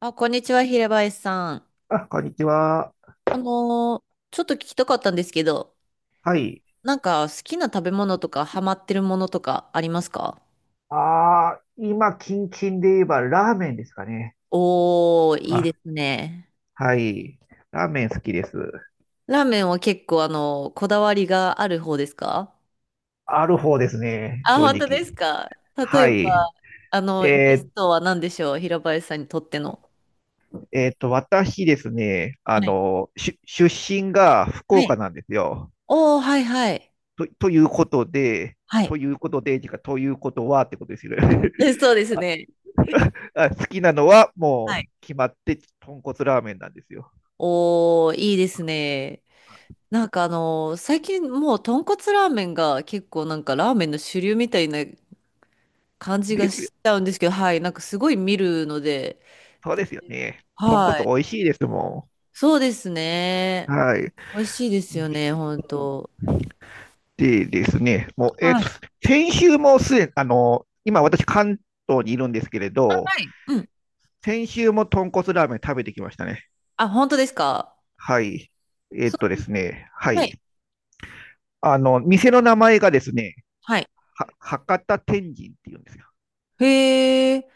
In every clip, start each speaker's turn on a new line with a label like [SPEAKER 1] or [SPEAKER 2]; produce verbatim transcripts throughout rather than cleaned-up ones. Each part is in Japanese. [SPEAKER 1] あ、こんにちは、平林さん。
[SPEAKER 2] あ、こんにちは。
[SPEAKER 1] あのーちょっと聞きたかったんですけど、
[SPEAKER 2] はい。
[SPEAKER 1] なんか好きな食べ物とかハマってるものとかありますか？
[SPEAKER 2] ああ、今、キンキンで言えばラーメンですかね。
[SPEAKER 1] おー、いい
[SPEAKER 2] あ、
[SPEAKER 1] ですね。
[SPEAKER 2] はい。ラーメン好きです。
[SPEAKER 1] ラーメンは結構あの、こだわりがある方ですか？
[SPEAKER 2] ある方ですね。
[SPEAKER 1] あ、
[SPEAKER 2] 正
[SPEAKER 1] 本当で
[SPEAKER 2] 直。
[SPEAKER 1] すか？例
[SPEAKER 2] は
[SPEAKER 1] えば、
[SPEAKER 2] い。
[SPEAKER 1] あの、ベ
[SPEAKER 2] え
[SPEAKER 1] ス
[SPEAKER 2] ー
[SPEAKER 1] トは何でしょう、平林さんにとっての。
[SPEAKER 2] えーと、私ですね、あ
[SPEAKER 1] はい。
[SPEAKER 2] の、し出身が福
[SPEAKER 1] は
[SPEAKER 2] 岡
[SPEAKER 1] い。
[SPEAKER 2] なんですよ。
[SPEAKER 1] おー、はいはい。
[SPEAKER 2] と、ということで、
[SPEAKER 1] はい。
[SPEAKER 2] ということで、てかということはってことですよね。
[SPEAKER 1] で、そうですね。
[SPEAKER 2] あ、好きなのは
[SPEAKER 1] は
[SPEAKER 2] もう
[SPEAKER 1] い。
[SPEAKER 2] 決まって豚骨ラーメンなんですよ。
[SPEAKER 1] おー、いいですね。なんかあのー最近もう豚骨ラーメンが結構なんかラーメンの主流みたいな感じ
[SPEAKER 2] です
[SPEAKER 1] がしちゃうんですけど、はい、なんかすごい見るので、
[SPEAKER 2] そうですよね。豚
[SPEAKER 1] は
[SPEAKER 2] 骨
[SPEAKER 1] い。
[SPEAKER 2] 美味しいですも
[SPEAKER 1] そうです
[SPEAKER 2] ん。
[SPEAKER 1] ね。
[SPEAKER 2] はい。
[SPEAKER 1] 美味しいですよね、本当。
[SPEAKER 2] でですね、もう、えっ
[SPEAKER 1] は
[SPEAKER 2] と、
[SPEAKER 1] い。
[SPEAKER 2] 先週もすでに、あの、今私関東にいるんですけれ
[SPEAKER 1] は
[SPEAKER 2] ど、
[SPEAKER 1] い、うん。
[SPEAKER 2] 先週も豚骨ラーメン食べてきましたね。
[SPEAKER 1] あ、本当ですか？
[SPEAKER 2] はい。えっ
[SPEAKER 1] そ
[SPEAKER 2] とですね、は
[SPEAKER 1] う、はい。
[SPEAKER 2] い。あの、店の名前がですね、
[SPEAKER 1] はい。
[SPEAKER 2] は博多天神っていうんですよ。
[SPEAKER 1] へえ。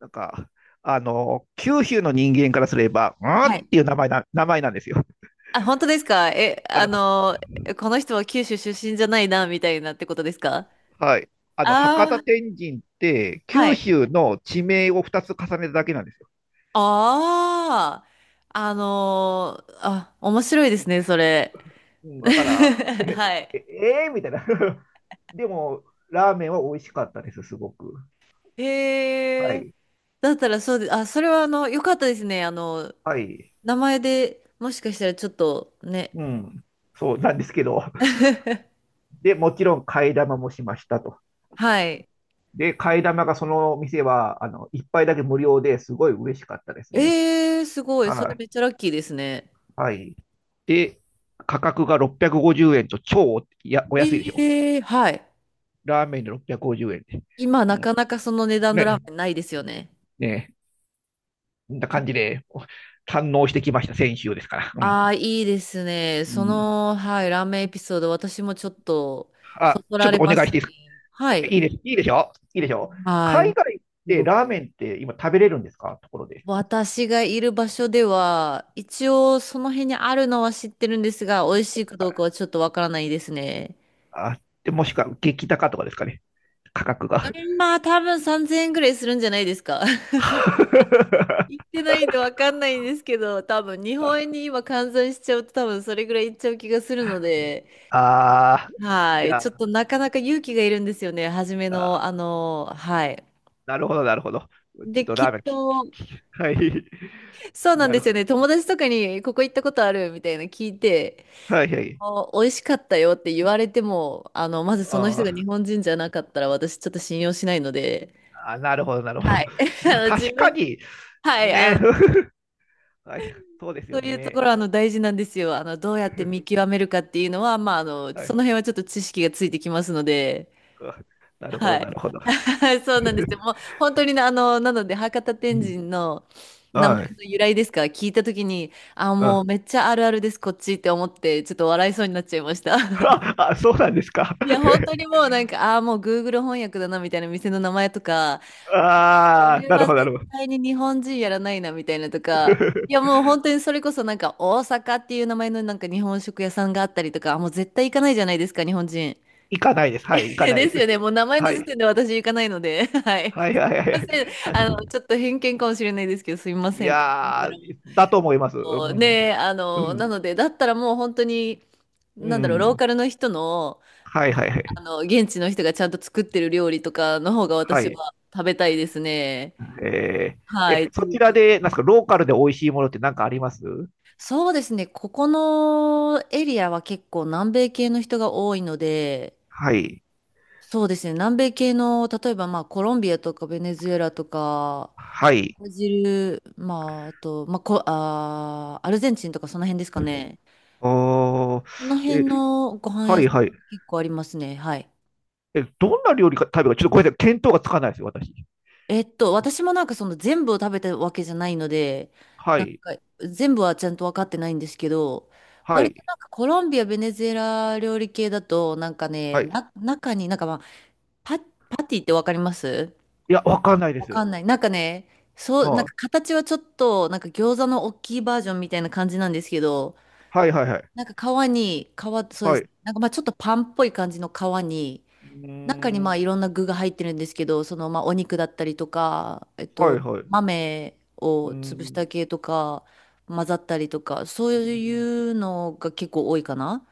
[SPEAKER 2] なんか、あの、九州の人間からすれば、うんっ
[SPEAKER 1] はい。
[SPEAKER 2] ていう名前な、名前なんですよ。
[SPEAKER 1] あ、本当ですか？え、あのーこの人は九州出身じゃないな、みたいなってことですか？
[SPEAKER 2] はい。あの、
[SPEAKER 1] あ
[SPEAKER 2] 博多
[SPEAKER 1] あー、
[SPEAKER 2] 天神って、
[SPEAKER 1] は
[SPEAKER 2] 九
[SPEAKER 1] い。
[SPEAKER 2] 州の地名をふたつ重ねただけなんですよ。
[SPEAKER 1] ああ、あのーあ、面白いですね、それ。
[SPEAKER 2] うん、だから、で
[SPEAKER 1] はい。
[SPEAKER 2] え、えー、みたいな。でも、ラーメンは美味しかったです、すごく。は
[SPEAKER 1] へえ。
[SPEAKER 2] い。
[SPEAKER 1] だったらそうで、あ、それはあの、よかったですね。あの、
[SPEAKER 2] はい。
[SPEAKER 1] 名前でもしかしたらちょっとね。
[SPEAKER 2] うん。そうなんですけど。で、もちろん替え玉もしましたと。
[SPEAKER 1] はい。
[SPEAKER 2] で、替え玉がその店は、あの、いっぱいだけ無料ですごい嬉しかったですね。
[SPEAKER 1] ええ、すごい。それ
[SPEAKER 2] はい。
[SPEAKER 1] めっちゃラッキーですね。
[SPEAKER 2] はい。で、価格がろっぴゃくごじゅうえんと超お、や、お安いでしょ？
[SPEAKER 1] ええ、はい。
[SPEAKER 2] ラーメンでろっぴゃくごじゅうえんで。
[SPEAKER 1] 今な
[SPEAKER 2] う
[SPEAKER 1] かなかその値段のラー
[SPEAKER 2] ね、
[SPEAKER 1] メンないですよね。
[SPEAKER 2] ね、こんな感じで、堪能してきました、先週ですから。うん。
[SPEAKER 1] ああ、いいですね。
[SPEAKER 2] う
[SPEAKER 1] そ
[SPEAKER 2] ん。
[SPEAKER 1] の、はい、ラーメンエピソード、私もちょっと、そ
[SPEAKER 2] あ、
[SPEAKER 1] そ
[SPEAKER 2] ちょ
[SPEAKER 1] ら
[SPEAKER 2] っと
[SPEAKER 1] れ
[SPEAKER 2] お
[SPEAKER 1] ま
[SPEAKER 2] 願いし
[SPEAKER 1] す
[SPEAKER 2] ていいですか？
[SPEAKER 1] ね。はい。
[SPEAKER 2] いいです、いいでしょ？いいでしょ？
[SPEAKER 1] はい。
[SPEAKER 2] 海外っ
[SPEAKER 1] す
[SPEAKER 2] て
[SPEAKER 1] ごく
[SPEAKER 2] ラーメンって今食べれるんですか、ところで。
[SPEAKER 1] 私がいる場所では、一応その辺にあるのは知ってるんですが、美味しいかどうかはちょっとわからないですね。
[SPEAKER 2] あ、で、もしくは激高とかですかね？価格が。
[SPEAKER 1] まあ多分さんぜんえんぐらいするんじゃないですか。行っ てないんでわかんないんですけど、多分日本円に今換算しちゃうと多分それぐらいいっちゃう気がするので、
[SPEAKER 2] ああ、
[SPEAKER 1] は
[SPEAKER 2] じ
[SPEAKER 1] い。
[SPEAKER 2] ゃあ、
[SPEAKER 1] ちょっとなかなか勇気がいるんですよね。初め
[SPEAKER 2] あ
[SPEAKER 1] の、
[SPEAKER 2] ー、
[SPEAKER 1] あの、はい。
[SPEAKER 2] なるほど、なるほど。ちょっ
[SPEAKER 1] で、
[SPEAKER 2] と
[SPEAKER 1] き
[SPEAKER 2] ラ
[SPEAKER 1] っ
[SPEAKER 2] ーメンき、
[SPEAKER 1] と、
[SPEAKER 2] き、き、はい。
[SPEAKER 1] そうなん
[SPEAKER 2] な
[SPEAKER 1] で
[SPEAKER 2] る
[SPEAKER 1] す
[SPEAKER 2] ほ
[SPEAKER 1] よね。
[SPEAKER 2] ど。
[SPEAKER 1] 友達とかにここ行ったことあるみたいな聞いて、
[SPEAKER 2] はい、はい。
[SPEAKER 1] あ、美味しかったよって言われても、あの、まずその人
[SPEAKER 2] あ
[SPEAKER 1] が日
[SPEAKER 2] ー
[SPEAKER 1] 本人じゃなかったら私ちょっと信用しないので、
[SPEAKER 2] あ、なるほど、なるほど。
[SPEAKER 1] はい。あ
[SPEAKER 2] まあ、
[SPEAKER 1] の、自
[SPEAKER 2] 確か
[SPEAKER 1] 分、
[SPEAKER 2] に、
[SPEAKER 1] はい、あ
[SPEAKER 2] ね、
[SPEAKER 1] の、
[SPEAKER 2] はい、そうです
[SPEAKER 1] そ
[SPEAKER 2] よ
[SPEAKER 1] ういうとこ
[SPEAKER 2] ね。
[SPEAKER 1] ろ、あの、大事なんですよ。あの、どうやって見 極めるかっていうのは、まあ、あの、
[SPEAKER 2] は
[SPEAKER 1] そ
[SPEAKER 2] い。
[SPEAKER 1] の辺はちょっと知識がついてきますので、
[SPEAKER 2] あ、なるほ
[SPEAKER 1] は
[SPEAKER 2] ど、な
[SPEAKER 1] い。
[SPEAKER 2] るほど。
[SPEAKER 1] はい、そうなんですよ。もう、本当にね、あの、なので、博多
[SPEAKER 2] う
[SPEAKER 1] 天
[SPEAKER 2] ん。
[SPEAKER 1] 神の名前
[SPEAKER 2] はい。
[SPEAKER 1] の由来ですか、聞いたときに、あ、
[SPEAKER 2] う
[SPEAKER 1] もう
[SPEAKER 2] ん。
[SPEAKER 1] め っちゃあるあるです、こっちって思って、ちょっと笑いそうになっちゃいました。
[SPEAKER 2] あ、あ、そうなんですか。
[SPEAKER 1] いや、本当にもうなんか、ああ、もう Google 翻訳だなみたいな店の名前とか、
[SPEAKER 2] ああ、
[SPEAKER 1] 俺
[SPEAKER 2] なる
[SPEAKER 1] は
[SPEAKER 2] ほど、な
[SPEAKER 1] 絶
[SPEAKER 2] るほど。
[SPEAKER 1] 対に日本人やらないなみたいなとか、いや、もう本当にそれこそなんか、大阪っていう名前のなんか日本食屋さんがあったりとか、あ、もう絶対行かないじゃないですか、日本人。
[SPEAKER 2] 行かないです。はい、行か ないで
[SPEAKER 1] です
[SPEAKER 2] す。
[SPEAKER 1] よね、もう名前の
[SPEAKER 2] は
[SPEAKER 1] 時
[SPEAKER 2] い。
[SPEAKER 1] 点で私行かないので、はい。
[SPEAKER 2] はいはい
[SPEAKER 1] すみま
[SPEAKER 2] はい。
[SPEAKER 1] せん、あ
[SPEAKER 2] は
[SPEAKER 1] の、ちょっと偏見かもしれないですけど、すみま
[SPEAKER 2] い。い
[SPEAKER 1] せんと思いなが
[SPEAKER 2] や
[SPEAKER 1] らも。
[SPEAKER 2] ー、だと思います。う
[SPEAKER 1] そうね
[SPEAKER 2] ん。
[SPEAKER 1] え、あ
[SPEAKER 2] う
[SPEAKER 1] の、な
[SPEAKER 2] ん。
[SPEAKER 1] ので、だったらもう本当に、
[SPEAKER 2] う
[SPEAKER 1] なんだろう、ロー
[SPEAKER 2] ん。
[SPEAKER 1] カルの人の、
[SPEAKER 2] はいはいは
[SPEAKER 1] あ
[SPEAKER 2] い。
[SPEAKER 1] の、現地の人がちゃんと作ってる料理とかの方が
[SPEAKER 2] は
[SPEAKER 1] 私
[SPEAKER 2] い。
[SPEAKER 1] は食べたいですね。
[SPEAKER 2] えー、
[SPEAKER 1] は
[SPEAKER 2] え、
[SPEAKER 1] い。と
[SPEAKER 2] そ
[SPEAKER 1] い
[SPEAKER 2] ち
[SPEAKER 1] う
[SPEAKER 2] ら
[SPEAKER 1] か、
[SPEAKER 2] で、なんですか、ローカルで美味しいものって何かあります？
[SPEAKER 1] そうですね。ここのエリアは結構南米系の人が多いので、
[SPEAKER 2] はい。
[SPEAKER 1] そうですね。南米系の、例えばまあコロンビアとかベネズエラとか、
[SPEAKER 2] はい。
[SPEAKER 1] ブラジル、まああと、まあ、こ、あー、アルゼンチンとかその辺ですかね。
[SPEAKER 2] おー、
[SPEAKER 1] その辺
[SPEAKER 2] え、
[SPEAKER 1] のご飯
[SPEAKER 2] は
[SPEAKER 1] 屋
[SPEAKER 2] い
[SPEAKER 1] さ
[SPEAKER 2] は
[SPEAKER 1] ん
[SPEAKER 2] い。
[SPEAKER 1] 結構ありますね。はい。
[SPEAKER 2] え、どんな料理か食べるか、ちょっとごめんなさい、見当がつかないですよ、私。
[SPEAKER 1] えっと、私もなんかその全部を食べたわけじゃないので、
[SPEAKER 2] は
[SPEAKER 1] なんか
[SPEAKER 2] い、
[SPEAKER 1] 全部はちゃんと分かってないんですけど、
[SPEAKER 2] は
[SPEAKER 1] 割と
[SPEAKER 2] い、
[SPEAKER 1] なんかコロンビア、ベネズエラ料理系だと、なんかね、
[SPEAKER 2] はい。
[SPEAKER 1] な、中になんかまあ、パ、パティって分かります
[SPEAKER 2] いや、わかんないで
[SPEAKER 1] わか
[SPEAKER 2] す。
[SPEAKER 1] んない。なんかね、そう、なん
[SPEAKER 2] は
[SPEAKER 1] か
[SPEAKER 2] い、
[SPEAKER 1] 形はちょっと、なんか餃子の大きいバージョンみたいな感じなんですけど、
[SPEAKER 2] はい、はい、はい。
[SPEAKER 1] なんか皮に、皮、そうで
[SPEAKER 2] はい。
[SPEAKER 1] す
[SPEAKER 2] う
[SPEAKER 1] ね。なんかまあちょっとパンっぽい感じの皮に、
[SPEAKER 2] ー
[SPEAKER 1] 中にまあ
[SPEAKER 2] ん、
[SPEAKER 1] いろんな具が入ってるんですけど、そのまあお肉だったりとか、えっ
[SPEAKER 2] はい、
[SPEAKER 1] と、
[SPEAKER 2] はい。う
[SPEAKER 1] 豆を
[SPEAKER 2] ー
[SPEAKER 1] 潰した
[SPEAKER 2] ん。
[SPEAKER 1] 系とか、混ざったりとか、そ
[SPEAKER 2] う
[SPEAKER 1] う
[SPEAKER 2] ー
[SPEAKER 1] い
[SPEAKER 2] ん。
[SPEAKER 1] うのが結構多いかな。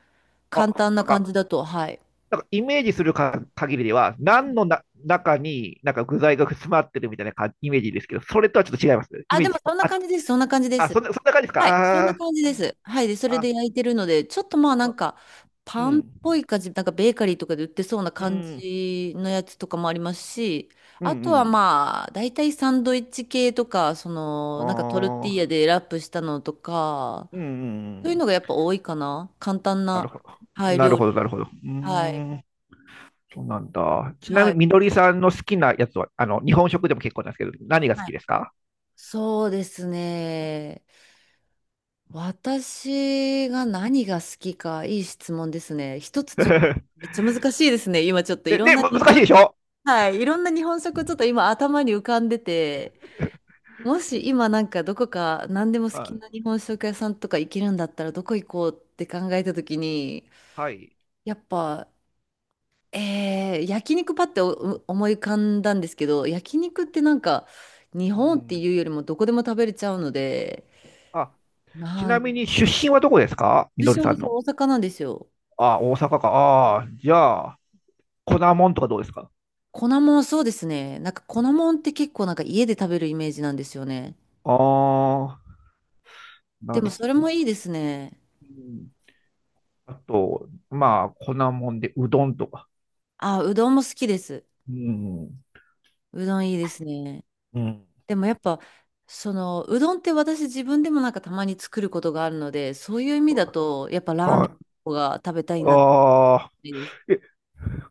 [SPEAKER 2] あ、
[SPEAKER 1] 簡単な
[SPEAKER 2] なん
[SPEAKER 1] 感
[SPEAKER 2] か、
[SPEAKER 1] じだと、はい。
[SPEAKER 2] なんかイメージするか限りでは、何のな中になんか具材が詰まってるみたいなかイメージですけど、それとはちょっと違いますね。イ
[SPEAKER 1] あ、
[SPEAKER 2] メ
[SPEAKER 1] で
[SPEAKER 2] ー
[SPEAKER 1] も
[SPEAKER 2] ジ。
[SPEAKER 1] そんな
[SPEAKER 2] あ、
[SPEAKER 1] 感じです、そんな感じで
[SPEAKER 2] あ、そ
[SPEAKER 1] す。
[SPEAKER 2] んな、そんな感じですか？
[SPEAKER 1] はい、そん
[SPEAKER 2] ああ
[SPEAKER 1] な感じ
[SPEAKER 2] ー、う
[SPEAKER 1] で
[SPEAKER 2] ん。
[SPEAKER 1] す。はい、で、それ
[SPEAKER 2] あ、
[SPEAKER 1] で焼いてるので、ちょっとまあなんか、
[SPEAKER 2] う
[SPEAKER 1] パンっぽ
[SPEAKER 2] ん、
[SPEAKER 1] い感じ、なんかベーカリーとかで売ってそうな
[SPEAKER 2] う
[SPEAKER 1] 感
[SPEAKER 2] ん、
[SPEAKER 1] じのやつとかもありますし、
[SPEAKER 2] うん、う
[SPEAKER 1] あ
[SPEAKER 2] ん。う
[SPEAKER 1] とは
[SPEAKER 2] ん。
[SPEAKER 1] まあ、大体サンドイッチ系とか、その、なんかトルテ
[SPEAKER 2] あ
[SPEAKER 1] ィーヤ
[SPEAKER 2] あ、
[SPEAKER 1] でラップしたのとか、
[SPEAKER 2] うん、う
[SPEAKER 1] そ
[SPEAKER 2] ん、
[SPEAKER 1] う
[SPEAKER 2] う
[SPEAKER 1] いう
[SPEAKER 2] ん。
[SPEAKER 1] のがやっぱ多いかな。簡単
[SPEAKER 2] なるほ
[SPEAKER 1] な、
[SPEAKER 2] ど。
[SPEAKER 1] はい、
[SPEAKER 2] なる
[SPEAKER 1] 料
[SPEAKER 2] ほ
[SPEAKER 1] 理。
[SPEAKER 2] ど、なるほど。う
[SPEAKER 1] はい、
[SPEAKER 2] ーん、そうなんだ。ちな
[SPEAKER 1] は
[SPEAKER 2] みに、
[SPEAKER 1] い、
[SPEAKER 2] みのりさんの好きなやつは、あの、日本食でも結構なんですけど、何が好
[SPEAKER 1] は
[SPEAKER 2] き
[SPEAKER 1] い。
[SPEAKER 2] ですか？
[SPEAKER 1] そうですね。私が何が好きか、いい質問ですね。一つ ちょっと、
[SPEAKER 2] ね、
[SPEAKER 1] めっちゃ難しいですね。今ちょっといろん
[SPEAKER 2] ね、
[SPEAKER 1] な
[SPEAKER 2] む
[SPEAKER 1] 日
[SPEAKER 2] 難し
[SPEAKER 1] 本、
[SPEAKER 2] いでしょ？
[SPEAKER 1] はい、いろんな日本食ちょっと今頭に浮かんでて、もし今なんかどこか何でも
[SPEAKER 2] う
[SPEAKER 1] 好き
[SPEAKER 2] ん。
[SPEAKER 1] な日本食屋さんとか行けるんだったらどこ行こうって考えた時に、
[SPEAKER 2] はい。
[SPEAKER 1] やっぱ、えー、焼肉パってお思い浮かんだんですけど、焼肉ってなんか日
[SPEAKER 2] う
[SPEAKER 1] 本って
[SPEAKER 2] ん。
[SPEAKER 1] いうよりもどこでも食べれちゃうので、
[SPEAKER 2] あ、ち
[SPEAKER 1] な
[SPEAKER 2] な
[SPEAKER 1] ん、
[SPEAKER 2] みに、出身はどこですか、みの
[SPEAKER 1] 私
[SPEAKER 2] りさん
[SPEAKER 1] 私
[SPEAKER 2] の。
[SPEAKER 1] 大阪なんですよ。
[SPEAKER 2] あ、大阪か。ああ、じゃあ、粉もんとかどうですか？
[SPEAKER 1] 粉もん、そうですね。なんか粉もんって結構なんか家で食べるイメージなんですよね。
[SPEAKER 2] ああ、
[SPEAKER 1] で
[SPEAKER 2] な
[SPEAKER 1] も
[SPEAKER 2] るほ
[SPEAKER 1] それ
[SPEAKER 2] ど。
[SPEAKER 1] もいいですね。
[SPEAKER 2] うん。あと、まあ、粉もんで、うどんとか。
[SPEAKER 1] あ、うどんも好きです。
[SPEAKER 2] うん。
[SPEAKER 1] うどんいいですね。
[SPEAKER 2] うん。
[SPEAKER 1] でもやっぱ、その、うどんって私自分でもなんかたまに作ることがあるので、そういう意味だと、やっぱラーメン
[SPEAKER 2] はい。
[SPEAKER 1] の方が食べたいなって
[SPEAKER 2] ああ、
[SPEAKER 1] 感じです。
[SPEAKER 2] え、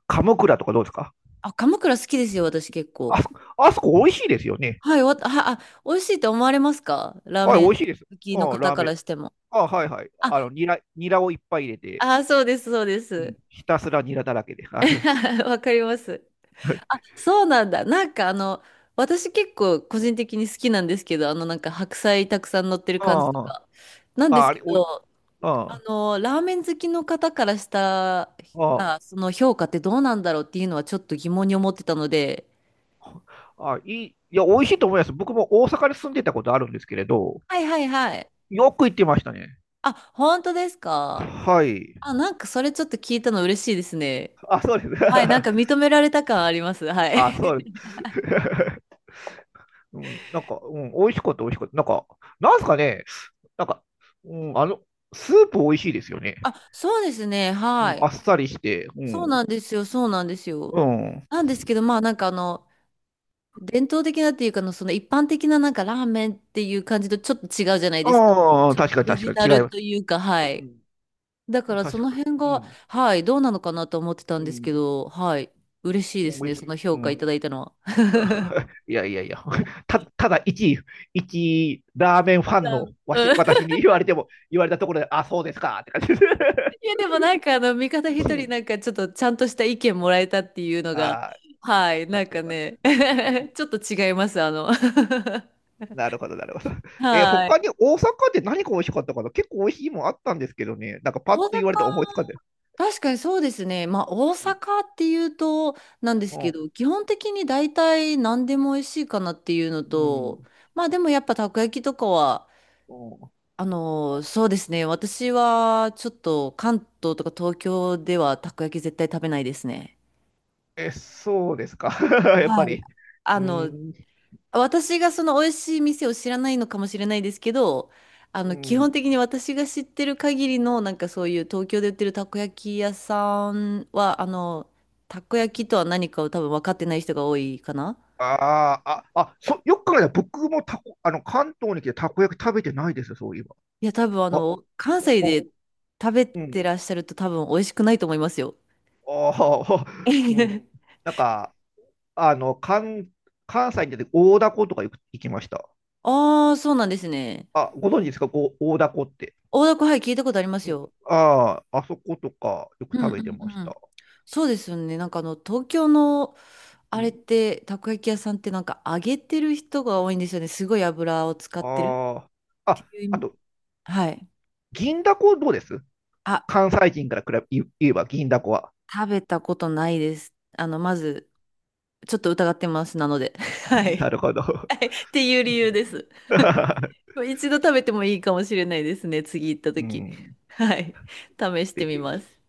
[SPEAKER 2] 鴨倉とかどうですか？
[SPEAKER 1] あ、鎌倉好きですよ、私結
[SPEAKER 2] あ
[SPEAKER 1] 構。
[SPEAKER 2] そこ、あそこ美味しいですよね。
[SPEAKER 1] はい、わ、あ、あ、美味しいと思われますか、ラー
[SPEAKER 2] はい、
[SPEAKER 1] メ
[SPEAKER 2] 美
[SPEAKER 1] ン
[SPEAKER 2] 味しいです。
[SPEAKER 1] 好きの
[SPEAKER 2] うん、
[SPEAKER 1] 方
[SPEAKER 2] ラー
[SPEAKER 1] か
[SPEAKER 2] メン。
[SPEAKER 1] らしても。
[SPEAKER 2] あ、はいはい。あ
[SPEAKER 1] あ、
[SPEAKER 2] の、ニラ、ニラをいっぱい入れて、
[SPEAKER 1] あ、そうです、そうで
[SPEAKER 2] うん、
[SPEAKER 1] す。
[SPEAKER 2] ひたすらニラだらけで。はい。
[SPEAKER 1] わかります。
[SPEAKER 2] はい。
[SPEAKER 1] あ、そうなんだ。なんかあの、私結構個人的に好きなんですけど、あのなんか白菜たくさん乗ってる感じ
[SPEAKER 2] あ
[SPEAKER 1] とか。なん
[SPEAKER 2] あ、
[SPEAKER 1] で
[SPEAKER 2] あ
[SPEAKER 1] す
[SPEAKER 2] あ
[SPEAKER 1] け
[SPEAKER 2] れ、おい、
[SPEAKER 1] ど、あ
[SPEAKER 2] あ
[SPEAKER 1] の、ラーメン好きの方からした
[SPEAKER 2] あ、あ
[SPEAKER 1] ら、その評価ってどうなんだろうっていうのはちょっと疑問に思ってたので。
[SPEAKER 2] あ、いい、いや、美味しいと思います。僕も大阪に住んでたことあるんですけれど、
[SPEAKER 1] はいはいはい。
[SPEAKER 2] よく行ってましたね。
[SPEAKER 1] あ、本当ですか？
[SPEAKER 2] はい。
[SPEAKER 1] あ、なんかそれちょっと聞いたの嬉しいですね。
[SPEAKER 2] あ、そうです。
[SPEAKER 1] はい、なんか認められた感あります。は い。
[SPEAKER 2] あ、そう です。うん、なんか、うん、美味しかった、美味しかった。なんか、なんすかね、なんか、うん、あの、スープ美味しいですよね。
[SPEAKER 1] あ、そうですね。
[SPEAKER 2] う
[SPEAKER 1] は
[SPEAKER 2] ん、あ
[SPEAKER 1] い。
[SPEAKER 2] っさりして、う
[SPEAKER 1] そう
[SPEAKER 2] ん、
[SPEAKER 1] なんですよ。そうなんです
[SPEAKER 2] う
[SPEAKER 1] よ。
[SPEAKER 2] ん。
[SPEAKER 1] なんですけど、まあなんかあの、伝統的なっていうかの、その一般的ななんかラーメンっていう感じとちょっと違うじゃないですか。
[SPEAKER 2] ああ、
[SPEAKER 1] ちょっと
[SPEAKER 2] 確かに
[SPEAKER 1] オリ
[SPEAKER 2] 確
[SPEAKER 1] ジ
[SPEAKER 2] かに
[SPEAKER 1] ナ
[SPEAKER 2] 違い
[SPEAKER 1] ル
[SPEAKER 2] ます。
[SPEAKER 1] というか、はい。
[SPEAKER 2] う
[SPEAKER 1] だか
[SPEAKER 2] ん。
[SPEAKER 1] らそ
[SPEAKER 2] 確
[SPEAKER 1] の
[SPEAKER 2] か
[SPEAKER 1] 辺が、
[SPEAKER 2] に。
[SPEAKER 1] はい、どうなのかなと思ってた
[SPEAKER 2] うん。
[SPEAKER 1] ん
[SPEAKER 2] う
[SPEAKER 1] ですけ
[SPEAKER 2] ん。
[SPEAKER 1] ど、はい。嬉しいです
[SPEAKER 2] 美
[SPEAKER 1] ね、
[SPEAKER 2] 味し
[SPEAKER 1] そ
[SPEAKER 2] い。
[SPEAKER 1] の
[SPEAKER 2] う
[SPEAKER 1] 評価
[SPEAKER 2] ん。
[SPEAKER 1] いただいたのは。
[SPEAKER 2] あ、いやいやいや。た、ただ一、一ラーメンファン
[SPEAKER 1] ラー
[SPEAKER 2] の
[SPEAKER 1] メン、
[SPEAKER 2] わし、
[SPEAKER 1] うん。
[SPEAKER 2] 私に言われても、言われたところで、あ、そうですかって感じです。
[SPEAKER 1] いや、でもなんかあの、味方
[SPEAKER 2] う
[SPEAKER 1] 一人
[SPEAKER 2] ん。
[SPEAKER 1] なんかちょっとちゃんとした意見もらえたっていう のが、
[SPEAKER 2] ああ、よ
[SPEAKER 1] はい、
[SPEAKER 2] か
[SPEAKER 1] なん
[SPEAKER 2] った
[SPEAKER 1] か
[SPEAKER 2] よかった。
[SPEAKER 1] ね、ちょっと違います、あの。
[SPEAKER 2] なるほど、なるほど。えー、
[SPEAKER 1] はい。
[SPEAKER 2] 他に大阪で何が美味しかったかな？結構美味しいもんあったんですけどね。なんかパッ
[SPEAKER 1] 大
[SPEAKER 2] と
[SPEAKER 1] 阪、
[SPEAKER 2] 言われて思いつかんで。
[SPEAKER 1] 確かにそうですね。まあ、大
[SPEAKER 2] う
[SPEAKER 1] 阪
[SPEAKER 2] ん。
[SPEAKER 1] っていうと、なんですけ
[SPEAKER 2] う
[SPEAKER 1] ど、基本的に大体何でも美味しいかなっていうのと、
[SPEAKER 2] ん。
[SPEAKER 1] まあでもやっぱたこ焼きとかは、
[SPEAKER 2] うん。
[SPEAKER 1] あのそうですね。私はちょっと関東とか東京ではたこ焼き絶対食べないですね。
[SPEAKER 2] え、そうですか？やっぱ
[SPEAKER 1] はい。
[SPEAKER 2] り。う
[SPEAKER 1] あ
[SPEAKER 2] ー
[SPEAKER 1] の、
[SPEAKER 2] ん。
[SPEAKER 1] 私がその美味しい店を知らないのかもしれないですけど、あ
[SPEAKER 2] う
[SPEAKER 1] の、基本
[SPEAKER 2] ん。
[SPEAKER 1] 的に私が知ってる限りの、なんかそういう東京で売ってるたこ焼き屋さんは、あの、たこ焼きとは何かを多分分かってない人が多いかな。
[SPEAKER 2] あーあ、あ、そ、よく考えたら僕もたこ、あの、関東に来てたこ焼き食べてないですよ、そういえば。
[SPEAKER 1] いや、多分あ
[SPEAKER 2] あ、
[SPEAKER 1] の、関
[SPEAKER 2] お、
[SPEAKER 1] 西
[SPEAKER 2] お。
[SPEAKER 1] で食べ
[SPEAKER 2] うん。
[SPEAKER 1] てらっしゃると多分美味しくないと思いますよ。
[SPEAKER 2] ああ、うん。なんか、あの、関、関西に出て大凧とかよく行きました。
[SPEAKER 1] ああ、そうなんですね。
[SPEAKER 2] あ、ご存知ですか、こう、大凧って？
[SPEAKER 1] 大凧、はい、聞いたことあります
[SPEAKER 2] うん。
[SPEAKER 1] よ。
[SPEAKER 2] ああ、あそことかよく
[SPEAKER 1] うん
[SPEAKER 2] 食べ
[SPEAKER 1] う
[SPEAKER 2] てました。
[SPEAKER 1] ん、そうですよね。なんかあの、東京の、あ
[SPEAKER 2] う
[SPEAKER 1] れっ
[SPEAKER 2] ん。
[SPEAKER 1] て、たこ焼き屋さんってなんか揚げてる人が多いんですよね。すごい油を使ってるっ
[SPEAKER 2] ああ、
[SPEAKER 1] て
[SPEAKER 2] あ、
[SPEAKER 1] いう意
[SPEAKER 2] あ
[SPEAKER 1] 味。
[SPEAKER 2] と、
[SPEAKER 1] はい。
[SPEAKER 2] 銀だこどうです？
[SPEAKER 1] あ、
[SPEAKER 2] 関西人から比べ、言えば銀だこは。
[SPEAKER 1] 食べたことないです。あの、まず、ちょっと疑ってます。なので。は
[SPEAKER 2] な
[SPEAKER 1] い。
[SPEAKER 2] るほど。
[SPEAKER 1] はいっていう理由です。一度食べてもいいかもしれないですね。次行った
[SPEAKER 2] う
[SPEAKER 1] 時。
[SPEAKER 2] ん。
[SPEAKER 1] はい。試し
[SPEAKER 2] ぜ
[SPEAKER 1] てみま
[SPEAKER 2] ひ。
[SPEAKER 1] す。